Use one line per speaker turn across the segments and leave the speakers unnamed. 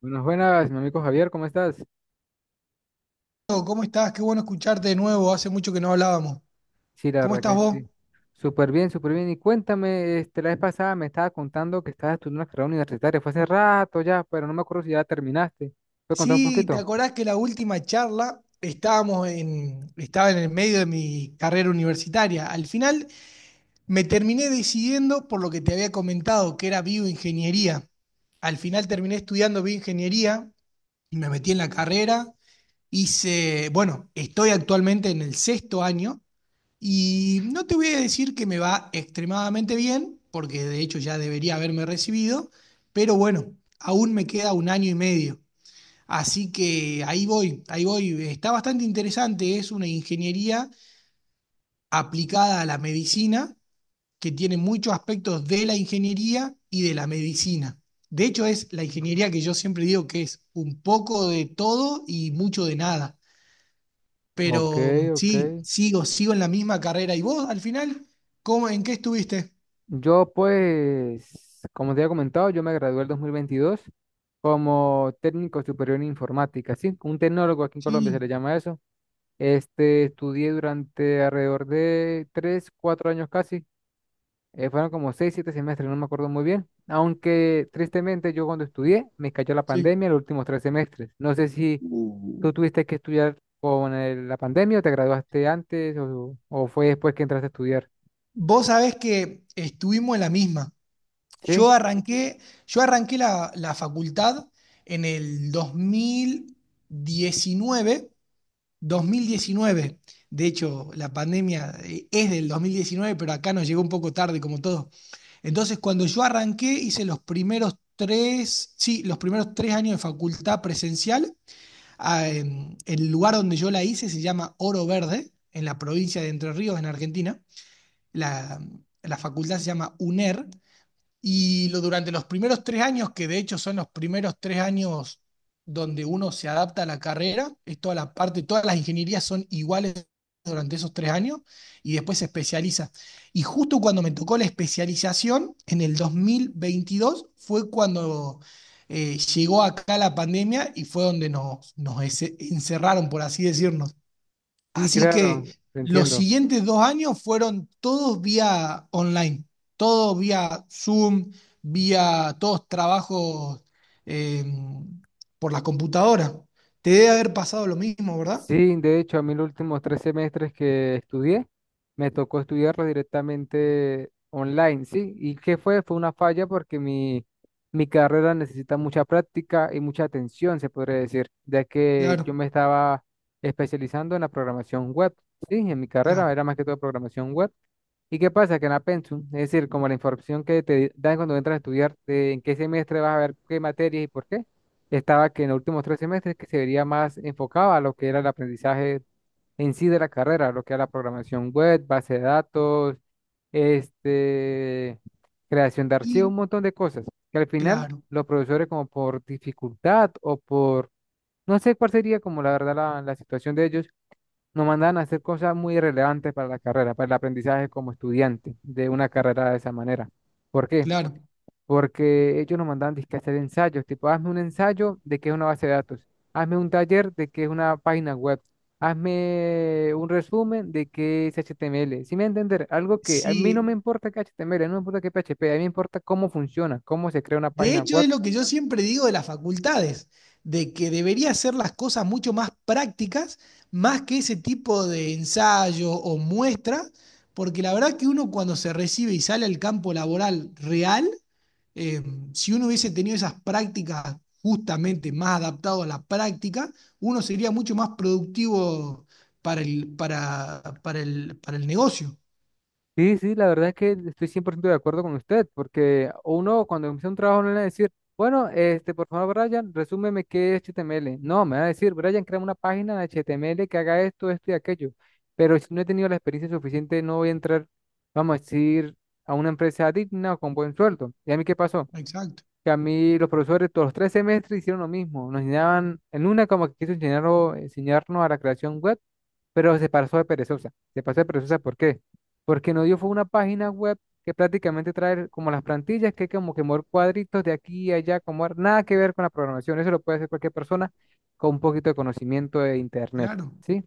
Buenas, buenas, mi amigo Javier, ¿cómo estás?
¿Cómo estás? Qué bueno escucharte de nuevo. Hace mucho que no hablábamos.
Sí, la
¿Cómo
verdad
estás
que
vos?
sí. Súper bien, súper bien. Y cuéntame, este, la vez pasada me estaba contando que estabas estudiando una carrera universitaria. Fue hace rato ya, pero no me acuerdo si ya terminaste. ¿Puedes contar un
Sí, ¿te
poquito?
acordás que la última charla estaba en el medio de mi carrera universitaria? Al final me terminé decidiendo por lo que te había comentado, que era bioingeniería. Al final terminé estudiando bioingeniería y me metí en la carrera. Estoy actualmente en el sexto año. Y no te voy a decir que me va extremadamente bien, porque de hecho ya debería haberme recibido, pero bueno, aún me queda un año y medio. Así que ahí voy, ahí voy. Está bastante interesante, es una ingeniería aplicada a la medicina, que tiene muchos aspectos de la ingeniería y de la medicina. De hecho, es la ingeniería que yo siempre digo que es un poco de todo y mucho de nada.
Ok,
Pero
ok.
sí, sigo en la misma carrera. ¿Y vos al final? ¿Cómo, en qué estuviste?
Yo, pues, como te había comentado, yo me gradué el 2022 como técnico superior en informática, ¿sí? Un tecnólogo aquí en Colombia se le
Sí,
llama eso. Este, estudié durante alrededor de tres, cuatro años casi. Fueron como seis, siete semestres, no me acuerdo muy bien. Aunque tristemente yo cuando estudié me cayó la
sí.
pandemia los últimos tres semestres. No sé si
Uh,
tú tuviste que estudiar con la pandemia o te graduaste antes o fue después que entraste a estudiar.
vos sabés que estuvimos en la misma.
Sí,
Yo arranqué, yo arranqué la facultad en el diecinueve, 2019. De hecho, la pandemia es del 2019, pero acá nos llegó un poco tarde, como todo. Entonces, cuando yo arranqué, hice los primeros tres, sí, los primeros tres años de facultad presencial. El lugar donde yo la hice se llama Oro Verde, en la provincia de Entre Ríos, en Argentina. La, la facultad se llama UNER y durante los primeros tres años, que de hecho son los primeros tres años donde uno se adapta a la carrera, es toda la parte, todas las ingenierías son iguales durante esos tres años y después se especializa. Y justo cuando me tocó la especialización, en el 2022 fue cuando llegó acá la pandemia y fue donde nos encerraron, por así decirnos.
sí,
Así
claro,
que
te
los
entiendo.
siguientes dos años fueron todos vía online, todos vía Zoom, vía todos trabajos eh, por la computadora. Te debe haber pasado lo mismo, ¿verdad?
Sí, de hecho, a mí los últimos tres semestres que estudié, me tocó estudiarlo directamente online, ¿sí? ¿Y qué fue? Fue una falla porque mi carrera necesita mucha práctica y mucha atención, se podría decir, ya que yo
Claro,
me estaba especializando en la programación web, ¿sí? En mi carrera
claro.
era más que todo programación web. ¿Y qué pasa? Que en la pensum, es decir, como la información que te dan cuando entras a estudiar, de en qué semestre vas a ver qué materias y por qué estaba que en los últimos tres semestres que se vería más enfocado a lo que era el aprendizaje en sí de la carrera, lo que era la programación web, base de datos, este, creación de archivos,
Y
un montón de cosas, que al final
claro,
los profesores como por dificultad o por, no sé cuál sería como la verdad la situación de ellos, nos mandan a hacer cosas muy relevantes para la carrera, para el aprendizaje como estudiante de una carrera de esa manera. ¿Por qué?
claro.
Porque ellos nos mandaban dizque a hacer ensayos, tipo, hazme un ensayo de qué es una base de datos, hazme un taller de qué es una página web, hazme un resumen de qué es HTML. Si me entender, algo que a mí no me
Sí,
importa que HTML, no me importa que PHP, a mí me importa cómo funciona, cómo se crea una
de
página
hecho, es
web.
lo que yo siempre digo de las facultades, de que debería hacer las cosas mucho más prácticas, más que ese tipo de ensayo o muestra, porque la verdad que uno cuando se recibe y sale al campo laboral real, eh, si uno hubiese tenido esas prácticas justamente más adaptado a la práctica, uno sería mucho más productivo para el negocio.
Sí, sí, la verdad es que estoy 100% de acuerdo con usted, porque uno cuando empieza un trabajo no le va a decir, bueno, este, por favor, Brian, resúmeme qué es HTML. No, me va a decir, Brian, crea una página de HTML que haga esto, esto y aquello. Pero si no he tenido la experiencia suficiente, no voy a entrar, vamos a decir, a una empresa digna o con buen sueldo. ¿Y a mí qué pasó?
Exacto,
Que a mí los profesores todos los tres semestres hicieron lo mismo. Nos enseñaban, en una como que quiso enseñarnos, enseñarnos a la creación web, pero se pasó de perezosa. Se pasó de perezosa, ¿por qué? Porque nos dio fue una página web que prácticamente trae como las plantillas, que hay como que mover cuadritos de aquí y allá, como nada que ver con la programación. Eso lo puede hacer cualquier persona con un poquito de conocimiento de internet,
claro.
¿sí?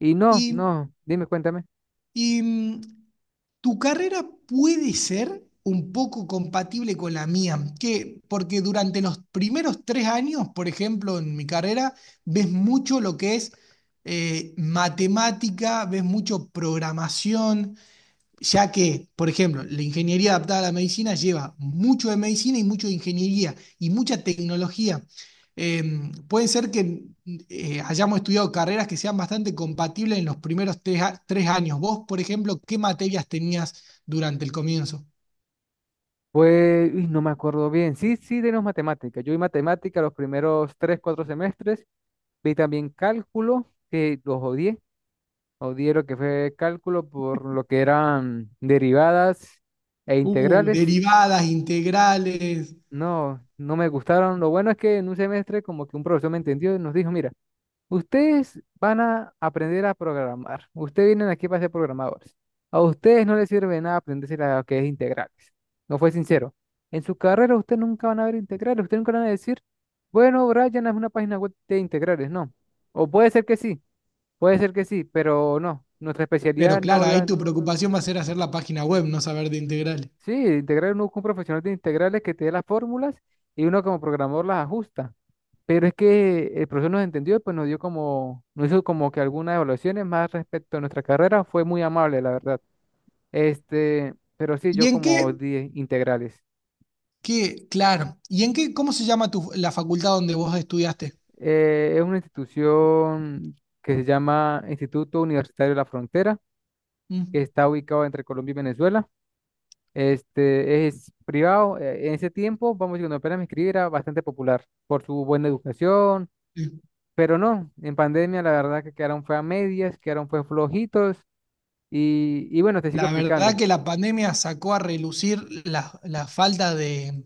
Y no,
Y,
no, dime, cuéntame.
y, tu carrera puede ser un poco compatible con la mía, porque durante los primeros tres años, por ejemplo, en mi carrera, ves mucho lo que es matemática, ves mucho programación, ya que, por ejemplo, la ingeniería adaptada a la medicina lleva mucho de medicina y mucho de ingeniería y mucha tecnología. Eh, puede ser que hayamos estudiado carreras que sean bastante compatibles en los primeros tres años. Vos, por ejemplo, ¿qué materias tenías durante el comienzo?
Pues, uy, no me acuerdo bien. Sí, sí, tenemos matemáticas. Yo vi matemática los primeros tres, cuatro semestres. Vi también cálculo, que los odié. Odié lo que fue cálculo por lo que eran derivadas e integrales.
Derivadas, integrales.
No, no me gustaron. Lo bueno es que en un semestre como que un profesor me entendió y nos dijo, mira, ustedes van a aprender a programar. Ustedes vienen aquí para ser programadores. A ustedes no les sirve nada aprenderse lo que es integrales. No fue sincero. En su carrera ustedes nunca van a ver integrales. Ustedes nunca van a decir, bueno, Brian, es una página web de integrales. No. O puede ser que sí, puede ser que sí, pero no. Nuestra
Pero
especialidad no
claro, ahí
iba.
tu preocupación va a ser hacer la página web, no saber de integrales.
Sí, integrar uno con un profesional de integrales que te dé las fórmulas y uno como programador las ajusta. Pero es que el profesor nos entendió y pues nos dio como, nos hizo como que algunas evaluaciones más respecto a nuestra carrera. Fue muy amable, la verdad. Este, pero sí,
¿Y
yo
en
como
qué,
di integrales.
claro, ¿cómo se llama tu, la facultad donde vos estudiaste?
Es una institución que se llama Instituto Universitario de la Frontera, que
Mm.
está ubicado entre Colombia y Venezuela. Este es privado. En ese tiempo, vamos a decir, cuando apenas me inscribí, era bastante popular por su buena educación.
Sí.
Pero no, en pandemia la verdad que quedaron fue a medias, quedaron fue flojitos y bueno, te sigo
La verdad
explicando.
que la pandemia sacó a relucir la falta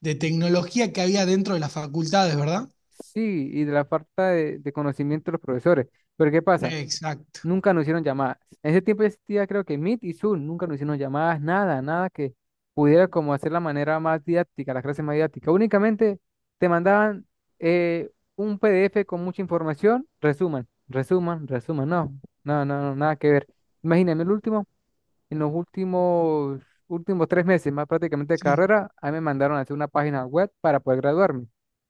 de tecnología que había dentro de las facultades, ¿verdad?
Sí, y de la falta de conocimiento de los profesores. Pero ¿qué pasa?
Exacto,
Nunca nos hicieron llamadas. En ese tiempo existía creo que Meet y Zoom, nunca nos hicieron llamadas, nada, nada que pudiera como hacer la manera más didáctica, la clase más didáctica. Únicamente te mandaban eh, un PDF con mucha información, resuman, resuman, resuman, no, no, no, no, nada que ver. Imagíname el último. En los últimos, últimos tres meses, más prácticamente de
sí.
carrera, a mí me mandaron a hacer una página web para poder graduarme.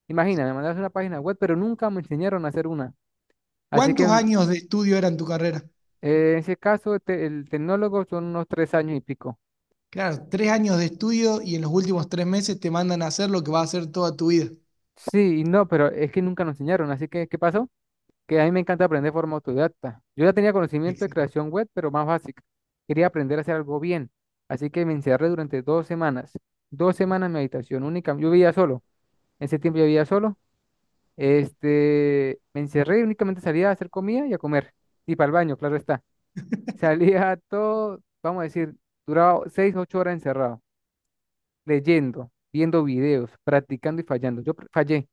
Imagina, me mandaron a hacer una página web, pero nunca me enseñaron a hacer una. Así que
¿Cuántos
en
años de estudio eran tu carrera?
ese caso, el tecnólogo son unos tres años y pico.
Claro, tres años de estudio y en los últimos tres meses te mandan a hacer lo que vas a hacer toda tu vida.
Sí, y no, pero es que nunca nos enseñaron. Así que, ¿qué pasó? Que a mí me encanta aprender de forma autodidacta. Yo ya tenía conocimiento de
Exacto.
creación web, pero más básica. Quería aprender a hacer algo bien. Así que me encerré durante dos semanas. Dos semanas en mi habitación única. Yo vivía solo. En ese tiempo yo vivía solo. Este, me encerré y únicamente salía a hacer comida y a comer. Y para el baño, claro está. Salía todo, vamos a decir, duraba seis, ocho horas encerrado, leyendo, viendo videos, practicando y fallando. Fallé,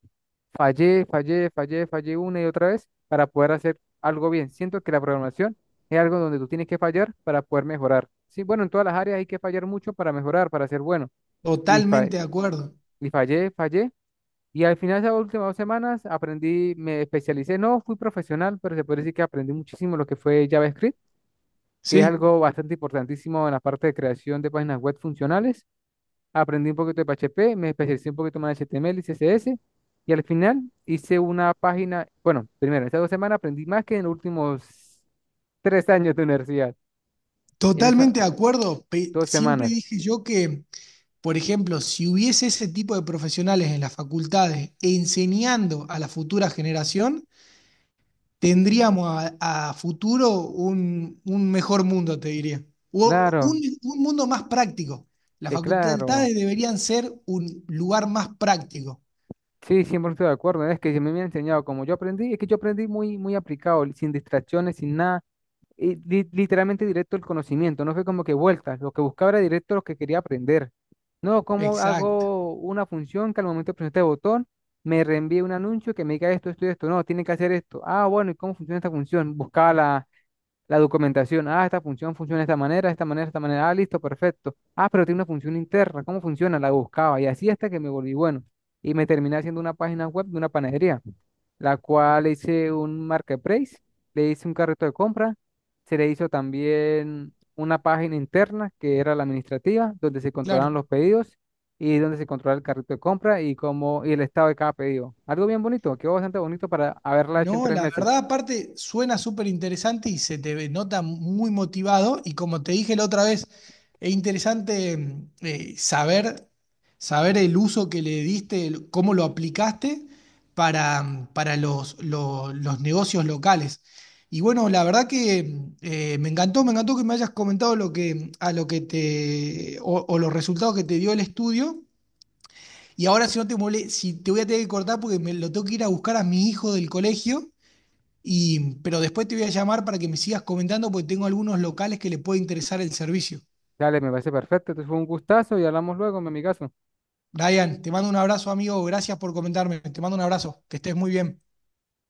fallé, fallé, fallé, fallé una y otra vez para poder hacer algo bien. Siento que la programación es algo donde tú tienes que fallar para poder mejorar. Sí, bueno, en todas las áreas hay que fallar mucho para mejorar, para ser bueno. Y, fa-
Totalmente de acuerdo.
y fallé, fallé. Y al final de esas últimas dos semanas aprendí, me especialicé, no fui profesional, pero se puede decir que aprendí muchísimo lo que fue JavaScript, que es
Sí,
algo bastante importantísimo en la parte de creación de páginas web funcionales. Aprendí un poquito de PHP, me especialicé un poquito más en HTML y CSS. Y al final hice una página, bueno, primero, estas dos semanas aprendí más que en los últimos tres años de universidad. En esas
totalmente de acuerdo.
dos
Siempre
semanas.
dije yo que, por ejemplo, si hubiese ese tipo de profesionales en las facultades enseñando a la futura generación, tendríamos a futuro un mejor mundo, te diría. O
Claro,
un mundo más práctico. Las
es claro.
facultades deberían ser un lugar más práctico.
Sí, 100% de acuerdo. Es que se me había enseñado como yo aprendí, es que yo aprendí muy, muy aplicado, sin distracciones, sin nada, y literalmente directo el conocimiento, no fue como que vueltas, lo que buscaba era directo lo que quería aprender. No, ¿cómo
Exacto,
hago una función que al momento de presionar este botón me reenvíe un anuncio que me diga esto, esto y esto? No, tiene que hacer esto. Ah, bueno, ¿y cómo funciona esta función? Buscaba la documentación, ah, esta función funciona de esta manera, de esta manera, de esta manera, ah, listo, perfecto. Ah, pero tiene una función interna, ¿cómo funciona? La buscaba y así hasta que me volví bueno. Y me terminé haciendo una página web de una panadería, la cual le hice un marketplace, le hice un carrito de compra, se le hizo también una página interna que era la administrativa, donde se controlaban
claro.
los pedidos y donde se controlaba el carrito de compra y, cómo, y el estado de cada pedido. Algo bien bonito, quedó bastante bonito para haberla hecho en
No,
tres
la
meses.
verdad, aparte, suena súper interesante y se te ve- nota muy motivado. Y como te dije la otra vez, es interesante saber, saber el uso que le diste, cómo lo aplicaste para, para los negocios locales. Y bueno, la verdad que me encantó que me hayas comentado lo que, a lo que te, o los resultados que te dio el estudio. Y ahora, si te voy a tener que cortar porque me lo tengo que ir a buscar a mi hijo del colegio. Y, pero después te voy a llamar para que me sigas comentando porque tengo algunos locales que le puede interesar el servicio.
Dale, me parece perfecto. Entonces fue un gustazo y hablamos luego, mi amigazo.
Brian, te mando un abrazo, amigo. Gracias por comentarme. Te mando un abrazo. Que estés muy bien.